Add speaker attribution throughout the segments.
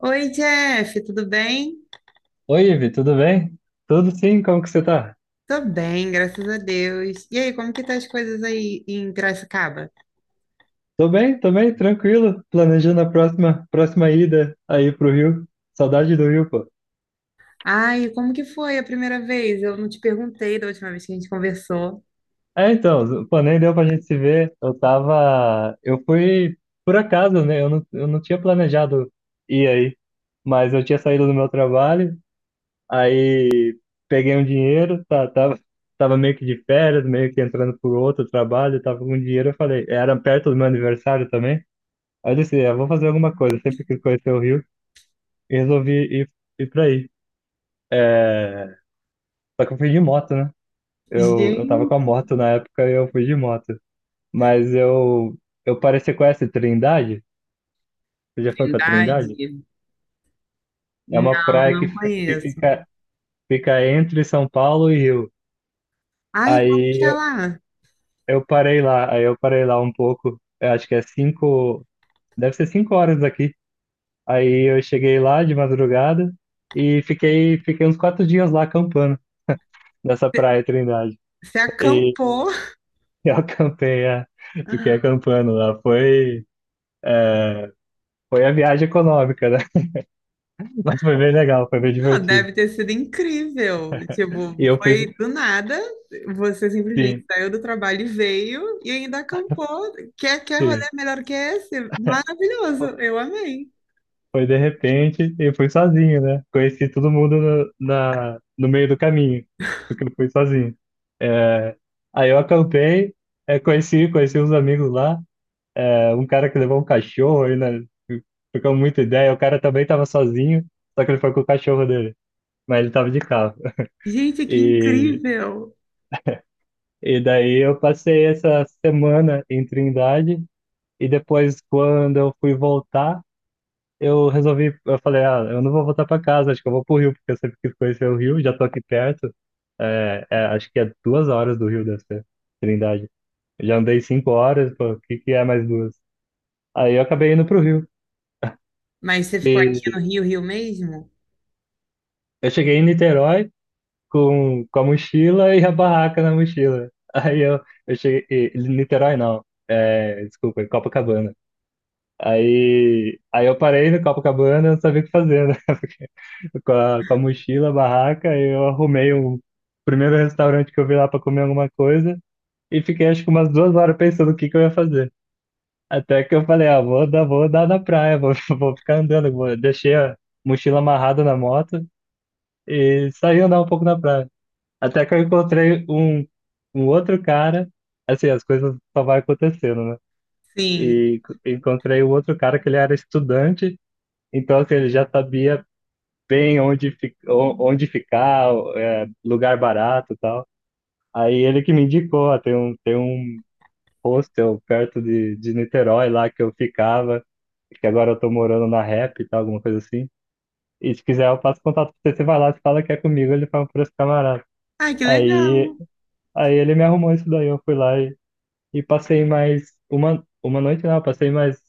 Speaker 1: Oi, Jeff, tudo bem?
Speaker 2: Oi, Ivi, tudo bem? Tudo sim, como que você tá?
Speaker 1: Tô bem, graças a Deus. E aí, como que tá as coisas aí em Piracicaba?
Speaker 2: Tô bem, tranquilo, planejando a próxima ida aí pro Rio. Saudade do Rio, pô.
Speaker 1: Ai, como que foi a primeira vez? Eu não te perguntei da última vez que a gente conversou.
Speaker 2: É, então, pô, nem deu pra gente se ver. Eu fui por acaso, né? Eu não tinha planejado ir aí, mas eu tinha saído do meu trabalho, aí peguei um dinheiro, tá, tava meio que de férias, meio que entrando por outro trabalho, tava com dinheiro, eu falei, era perto do meu aniversário também. Aí eu disse, "É, eu vou fazer alguma coisa, sempre quis conhecer o Rio." E resolvi ir, ir pra aí. É, só que eu fui de moto, né?
Speaker 1: Gente,
Speaker 2: Eu tava com a moto na época e eu fui de moto. Mas eu pareci com essa Trindade. Você já foi pra Trindade?
Speaker 1: Trindade?
Speaker 2: É uma
Speaker 1: Não,
Speaker 2: praia que,
Speaker 1: não
Speaker 2: fi- que
Speaker 1: conheço.
Speaker 2: fica, fica entre São Paulo e Rio.
Speaker 1: Ai, como que
Speaker 2: Aí
Speaker 1: é
Speaker 2: eu,
Speaker 1: lá?
Speaker 2: eu parei lá, aí eu parei lá um pouco. Eu acho que é cinco, deve ser cinco horas aqui. Aí eu cheguei lá de madrugada e fiquei uns quatro dias lá acampando nessa praia Trindade.
Speaker 1: Você acampou?
Speaker 2: Eu acampei, é. Fiquei acampando lá. Foi, é, foi a viagem econômica, né? Mas foi bem legal, foi bem
Speaker 1: Não,
Speaker 2: divertido.
Speaker 1: deve ter sido incrível.
Speaker 2: E
Speaker 1: Tipo,
Speaker 2: eu fui,
Speaker 1: foi do nada. Você simplesmente
Speaker 2: sim,
Speaker 1: saiu do trabalho e veio e ainda acampou. Quer rolê
Speaker 2: sim.
Speaker 1: melhor que esse? Maravilhoso. Eu amei.
Speaker 2: Foi de repente e fui sozinho, né? Conheci todo mundo no meio do caminho, porque eu fui sozinho. É, aí eu acampei, é, conheci uns amigos lá, é, um cara que levou um cachorro, aí, né? Ficou muita ideia. O cara também tava sozinho, só que ele foi com o cachorro dele, mas ele tava de carro.
Speaker 1: Gente, que
Speaker 2: E
Speaker 1: incrível.
Speaker 2: E daí eu passei essa semana em Trindade e depois quando eu fui voltar, eu resolvi, eu falei, ah, eu não vou voltar para casa, acho que eu vou pro Rio, porque eu sempre quis conhecer o Rio, já tô aqui perto. É, acho que é duas horas do Rio deve ser, Trindade. Eu já andei cinco horas, pô, o que que é mais duas? Aí eu acabei indo pro Rio.
Speaker 1: Mas você ficou aqui no
Speaker 2: E
Speaker 1: Rio, Rio mesmo?
Speaker 2: eu cheguei em Niterói com a mochila e a barraca na mochila. Aí eu cheguei, Niterói não, é, desculpa, em Copacabana. Aí eu parei no Copacabana, eu não sabia o que fazer, né? Porque com a mochila, a barraca, aí eu arrumei o primeiro restaurante que eu vi lá para comer alguma coisa e fiquei acho que umas duas horas pensando o que que eu ia fazer. Até que eu falei, ah, vou dar na praia, vou, vou ficar andando. Deixei a mochila amarrada na moto e saí andar um pouco na praia. Até que eu encontrei um outro cara, assim, as coisas só vai acontecendo, né?
Speaker 1: Sim.
Speaker 2: E encontrei o outro cara que ele era estudante então, que ele já sabia bem onde ficar, é, lugar barato e tal. Aí ele que me indicou, ó, tem um hostel perto de Niterói lá que eu ficava, que agora eu tô morando na Rap e tal, alguma coisa assim. E se quiser eu passo contato pra você, você vai lá, você fala que é comigo, ele fala por esse camarada.
Speaker 1: Ai, que legal.
Speaker 2: Aí, aí ele me arrumou isso daí, eu fui lá e passei mais uma noite não, passei mais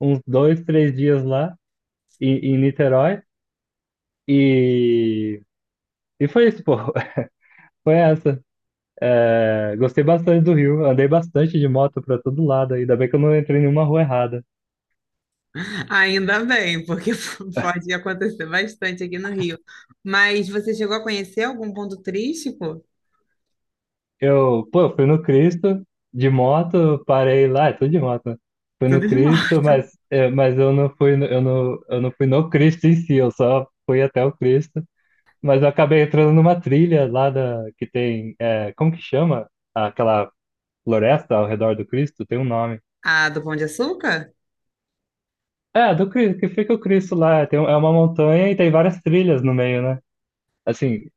Speaker 2: uns dois, três dias lá em Niterói. E E foi isso, pô. Foi essa. É, gostei bastante do Rio. Andei bastante de moto pra todo lado. Ainda bem que eu não entrei em nenhuma rua errada.
Speaker 1: Ainda bem, porque pode acontecer bastante aqui no Rio. Mas você chegou a conhecer algum ponto turístico?
Speaker 2: Eu, pô, fui no Cristo, de moto, parei lá, é tudo de moto, né? Fui no
Speaker 1: Tudo de
Speaker 2: Cristo,
Speaker 1: morto.
Speaker 2: mas, é, mas eu não fui, no- eu não fui no Cristo em si, eu só fui até o Cristo. Mas eu acabei entrando numa trilha lá da, que tem, é, como que chama? Aquela floresta ao redor do Cristo, tem um nome.
Speaker 1: Ah, do Pão de Açúcar?
Speaker 2: É, do Cristo, que fica o Cristo lá. Tem, um- é uma montanha e tem várias trilhas no meio, né? Assim,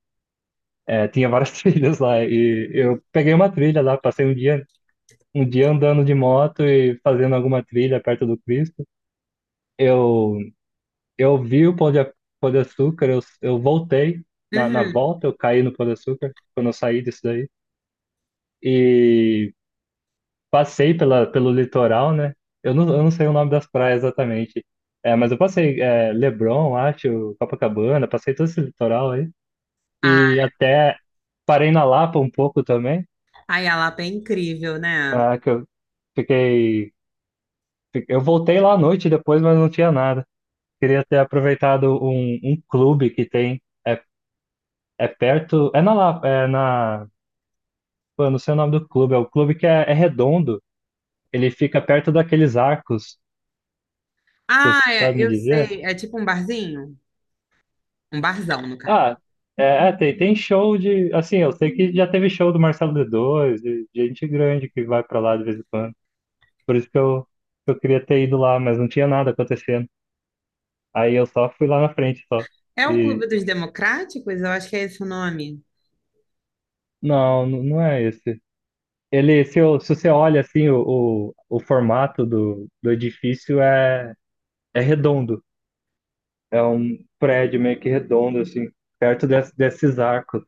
Speaker 2: é, tinha várias trilhas lá. E eu peguei uma trilha lá, passei um dia andando de moto e fazendo alguma trilha perto do Cristo. Eu, eu vi o Pão de Açúcar, eu voltei. Na
Speaker 1: Uhum.
Speaker 2: volta eu caí no Pão de Açúcar, quando eu saí disso daí. E passei pelo litoral, né? Eu não sei o nome das praias exatamente. É, mas eu passei é, Leblon, acho, Copacabana, passei todo esse litoral aí. E até parei na Lapa um pouco também,
Speaker 1: Ai, a Lapa é incrível, né?
Speaker 2: ah, que eu fiquei. Eu voltei lá à noite depois, mas não tinha nada. Queria ter aproveitado um clube que tem. É, é perto. É na Lapa, é na. Pô, eu não sei o nome do clube. É o clube que é, é redondo. Ele fica perto daqueles arcos. Você
Speaker 1: Ah, é,
Speaker 2: sabe me
Speaker 1: eu
Speaker 2: dizer?
Speaker 1: sei. É tipo um barzinho? Um barzão, no caso.
Speaker 2: Ah, é, tem show de. Assim, eu sei que já teve show do Marcelo D2, de gente grande que vai pra lá de vez em quando. Por isso que eu queria ter ido lá, mas não tinha nada acontecendo. Aí eu só fui lá na frente só.
Speaker 1: É o
Speaker 2: E.
Speaker 1: Clube dos Democráticos? Eu acho que é esse o nome.
Speaker 2: Não, não, não é esse. Ele, se, eu- se você olha assim, o formato do edifício é, é redondo. É um prédio meio que redondo, assim, perto desses arcos.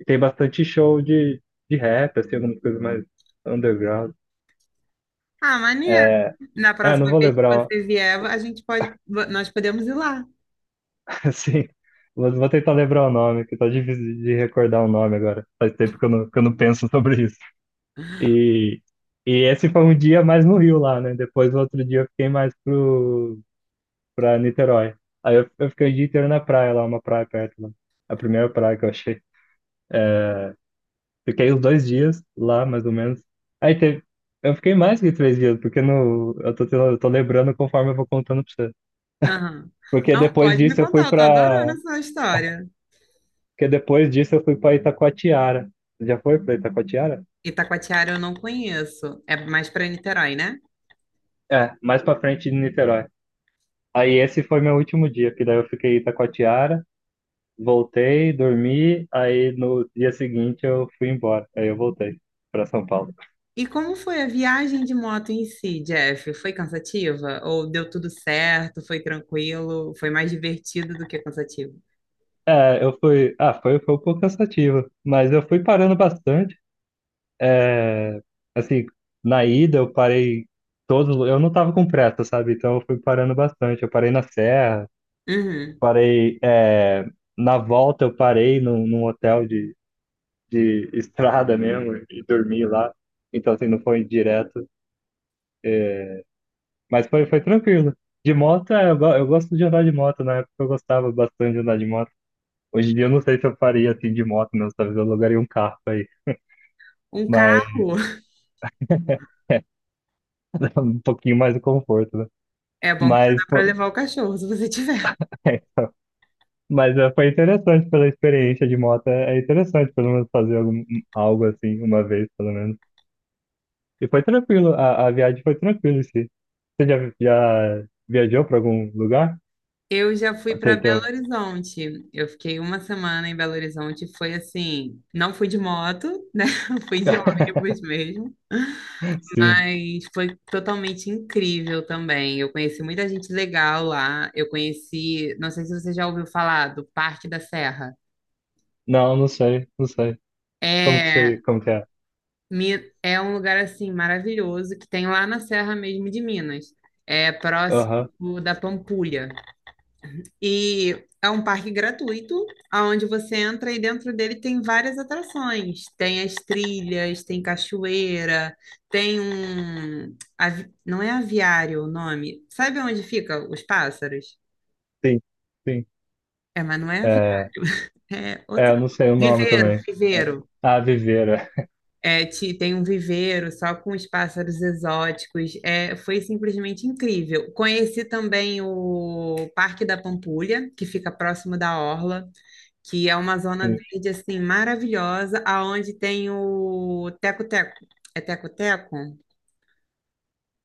Speaker 2: E tem bastante show de rap, assim, alguma coisa mais underground.
Speaker 1: Ah, maneiro.
Speaker 2: É,
Speaker 1: Na
Speaker 2: É, não
Speaker 1: próxima
Speaker 2: vou
Speaker 1: vez que
Speaker 2: lembrar, o-
Speaker 1: você vier, nós podemos ir lá.
Speaker 2: assim, vou tentar lembrar o nome, que tá difícil de recordar o nome agora. Faz tempo que eu não penso sobre isso. E, e esse foi um dia mais no Rio lá, né? Depois, o outro dia, eu fiquei mais pra Niterói. Aí eu fiquei o dia inteiro na praia lá, uma praia perto lá. A primeira praia que eu achei. É, fiquei os dois dias lá, mais ou menos. Aí teve. Eu fiquei mais que três dias, porque no, eu tô lembrando conforme eu vou contando pra você.
Speaker 1: Aham.
Speaker 2: Porque
Speaker 1: Não,
Speaker 2: depois
Speaker 1: pode me
Speaker 2: disso eu fui
Speaker 1: contar, eu tô adorando
Speaker 2: pra,
Speaker 1: essa história.
Speaker 2: Porque depois disso eu fui para Itacoatiara. Você já foi para Itacoatiara?
Speaker 1: Itacoatiara eu não conheço, é mais para Niterói, né?
Speaker 2: É, mais para frente de Niterói. Aí esse foi meu último dia, que daí eu fiquei em Itacoatiara, voltei, dormi, aí no dia seguinte eu fui embora. Aí eu voltei para São Paulo.
Speaker 1: E como foi a viagem de moto em si, Jeff? Foi cansativa? Ou deu tudo certo? Foi tranquilo? Foi mais divertido do que cansativo?
Speaker 2: É, eu fui. Ah, foi, foi um pouco cansativo, mas eu fui parando bastante. É, assim, na ida eu parei todos. Eu não tava com pressa, sabe? Então eu fui parando bastante. Eu parei na Serra,
Speaker 1: Uhum.
Speaker 2: parei, é, na volta eu parei num hotel de estrada mesmo e dormi lá. Então, assim, não foi direto. É, mas foi, foi tranquilo. De moto, é, eu, eu gosto de andar de moto. Na época eu gostava bastante de andar de moto. Hoje em dia eu não sei se eu faria assim de moto mesmo. Talvez eu alugaria um carro aí.
Speaker 1: Um
Speaker 2: Mas
Speaker 1: carro
Speaker 2: um pouquinho mais de conforto, né?
Speaker 1: é bom que você
Speaker 2: Mas,
Speaker 1: dá para levar o cachorro, se você tiver.
Speaker 2: é, então, mas é, foi interessante pela experiência de moto. É é interessante pelo menos fazer algum, algo assim, uma vez pelo menos. E foi tranquilo, a viagem foi tranquila, sim. Você já viajou para algum lugar?
Speaker 1: Eu já fui
Speaker 2: Até,
Speaker 1: para Belo
Speaker 2: até...
Speaker 1: Horizonte. Eu fiquei uma semana em Belo Horizonte. Foi assim, não fui de moto, né? Fui de ônibus mesmo,
Speaker 2: Sim.
Speaker 1: mas foi totalmente incrível também. Eu conheci muita gente legal lá. Eu conheci, não sei se você já ouviu falar do Parque da Serra.
Speaker 2: Não, não sei, não sei. Como que
Speaker 1: É,
Speaker 2: você, como que é?
Speaker 1: É um lugar assim maravilhoso que tem lá na Serra mesmo de Minas. É
Speaker 2: Aham,
Speaker 1: próximo da Pampulha. E é um parque gratuito, onde você entra e dentro dele tem várias atrações. Tem as trilhas, tem cachoeira, tem não é aviário o nome. Sabe onde fica os pássaros?
Speaker 2: sim, sim.
Speaker 1: É, mas não é aviário,
Speaker 2: É,
Speaker 1: é
Speaker 2: é,
Speaker 1: outra.
Speaker 2: eu não sei o nome
Speaker 1: Viveiro,
Speaker 2: também. É.
Speaker 1: viveiro.
Speaker 2: Ah, Viveira.
Speaker 1: É, tem um viveiro só com os pássaros exóticos. É, foi simplesmente incrível. Conheci também o Parque da Pampulha, que fica próximo da Orla, que é uma zona
Speaker 2: Sim.
Speaker 1: verde assim maravilhosa, aonde tem o teco-teco. É teco-teco?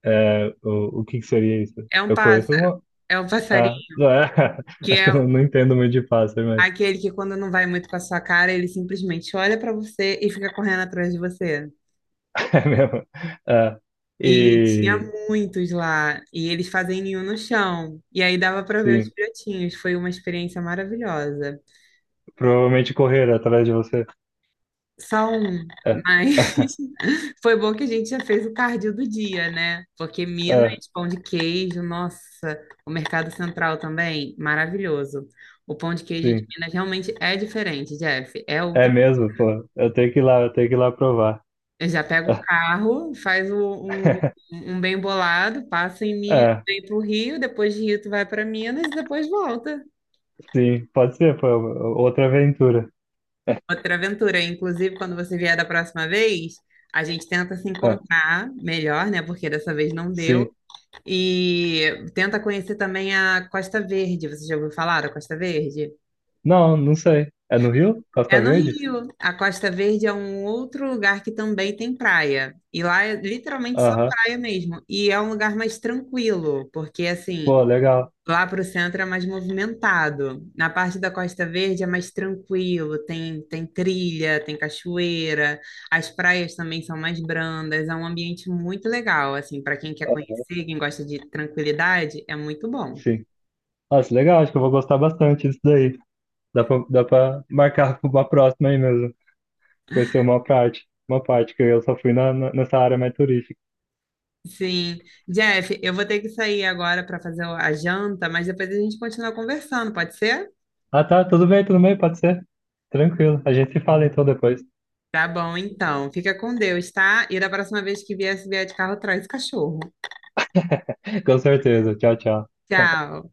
Speaker 2: É, o que que seria isso?
Speaker 1: É um
Speaker 2: Eu conheço
Speaker 1: pássaro.
Speaker 2: alguma...
Speaker 1: É um passarinho
Speaker 2: Ah, não, é.
Speaker 1: que
Speaker 2: Acho
Speaker 1: é
Speaker 2: que eu não entendo muito de pássaro, mas
Speaker 1: aquele que quando não vai muito com a sua cara, ele simplesmente olha para você e fica correndo atrás de você.
Speaker 2: é mesmo. É.
Speaker 1: E tinha
Speaker 2: E,
Speaker 1: muitos lá, e eles fazem ninho no chão. E aí dava para ver os
Speaker 2: sim,
Speaker 1: filhotinhos. Foi uma experiência maravilhosa.
Speaker 2: provavelmente correr atrás de você.
Speaker 1: Só um,
Speaker 2: É.
Speaker 1: mas foi bom que a gente já fez o cardio do dia, né? Porque Minas,
Speaker 2: É,
Speaker 1: pão de queijo, nossa, o Mercado Central também, maravilhoso. O pão de queijo de
Speaker 2: sim.
Speaker 1: Minas realmente é diferente, Jeff, é
Speaker 2: É
Speaker 1: outra.
Speaker 2: mesmo, pô. Eu tenho que ir lá, eu tenho que ir lá provar.
Speaker 1: Eu já pego o carro, um bem bolado, passa em Minas,
Speaker 2: É,
Speaker 1: vem pro Rio, depois de Rio tu vai para Minas e depois volta.
Speaker 2: sim. Pode ser, pô. Outra aventura.
Speaker 1: Outra aventura, inclusive, quando você vier da próxima vez, a gente tenta se
Speaker 2: É,
Speaker 1: encontrar melhor, né? Porque dessa vez não
Speaker 2: sim.
Speaker 1: deu. E tenta conhecer também a Costa Verde. Você já ouviu falar da Costa Verde?
Speaker 2: Não, não sei. É no Rio?
Speaker 1: É
Speaker 2: Costa
Speaker 1: no
Speaker 2: Verde?
Speaker 1: Rio. A Costa Verde é um outro lugar que também tem praia. E lá é literalmente só
Speaker 2: Aham.
Speaker 1: praia mesmo. E é um lugar mais tranquilo, porque assim,
Speaker 2: Pô, legal.
Speaker 1: lá pro centro é mais movimentado. Na parte da Costa Verde é mais tranquilo, tem, tem trilha, tem cachoeira, as praias também são mais brandas. É um ambiente muito legal, assim, para quem quer
Speaker 2: Aham,
Speaker 1: conhecer, quem gosta de tranquilidade, é muito bom.
Speaker 2: sim. Nossa, legal. Acho que eu vou gostar bastante disso daí. Dá pra marcar uma próxima aí mesmo. Conhecer uma parte. Uma parte que eu só fui nessa área mais turística.
Speaker 1: Sim. Jeff, eu vou ter que sair agora para fazer a janta, mas depois a gente continua conversando, pode ser?
Speaker 2: Ah, tá. Tudo bem, tudo bem. Pode ser. Tranquilo. A gente se fala então depois.
Speaker 1: Tá bom, então. Fica com Deus, tá? E da próxima vez que vier, se vier de carro, traz cachorro.
Speaker 2: Com certeza. Tchau, tchau.
Speaker 1: Tchau.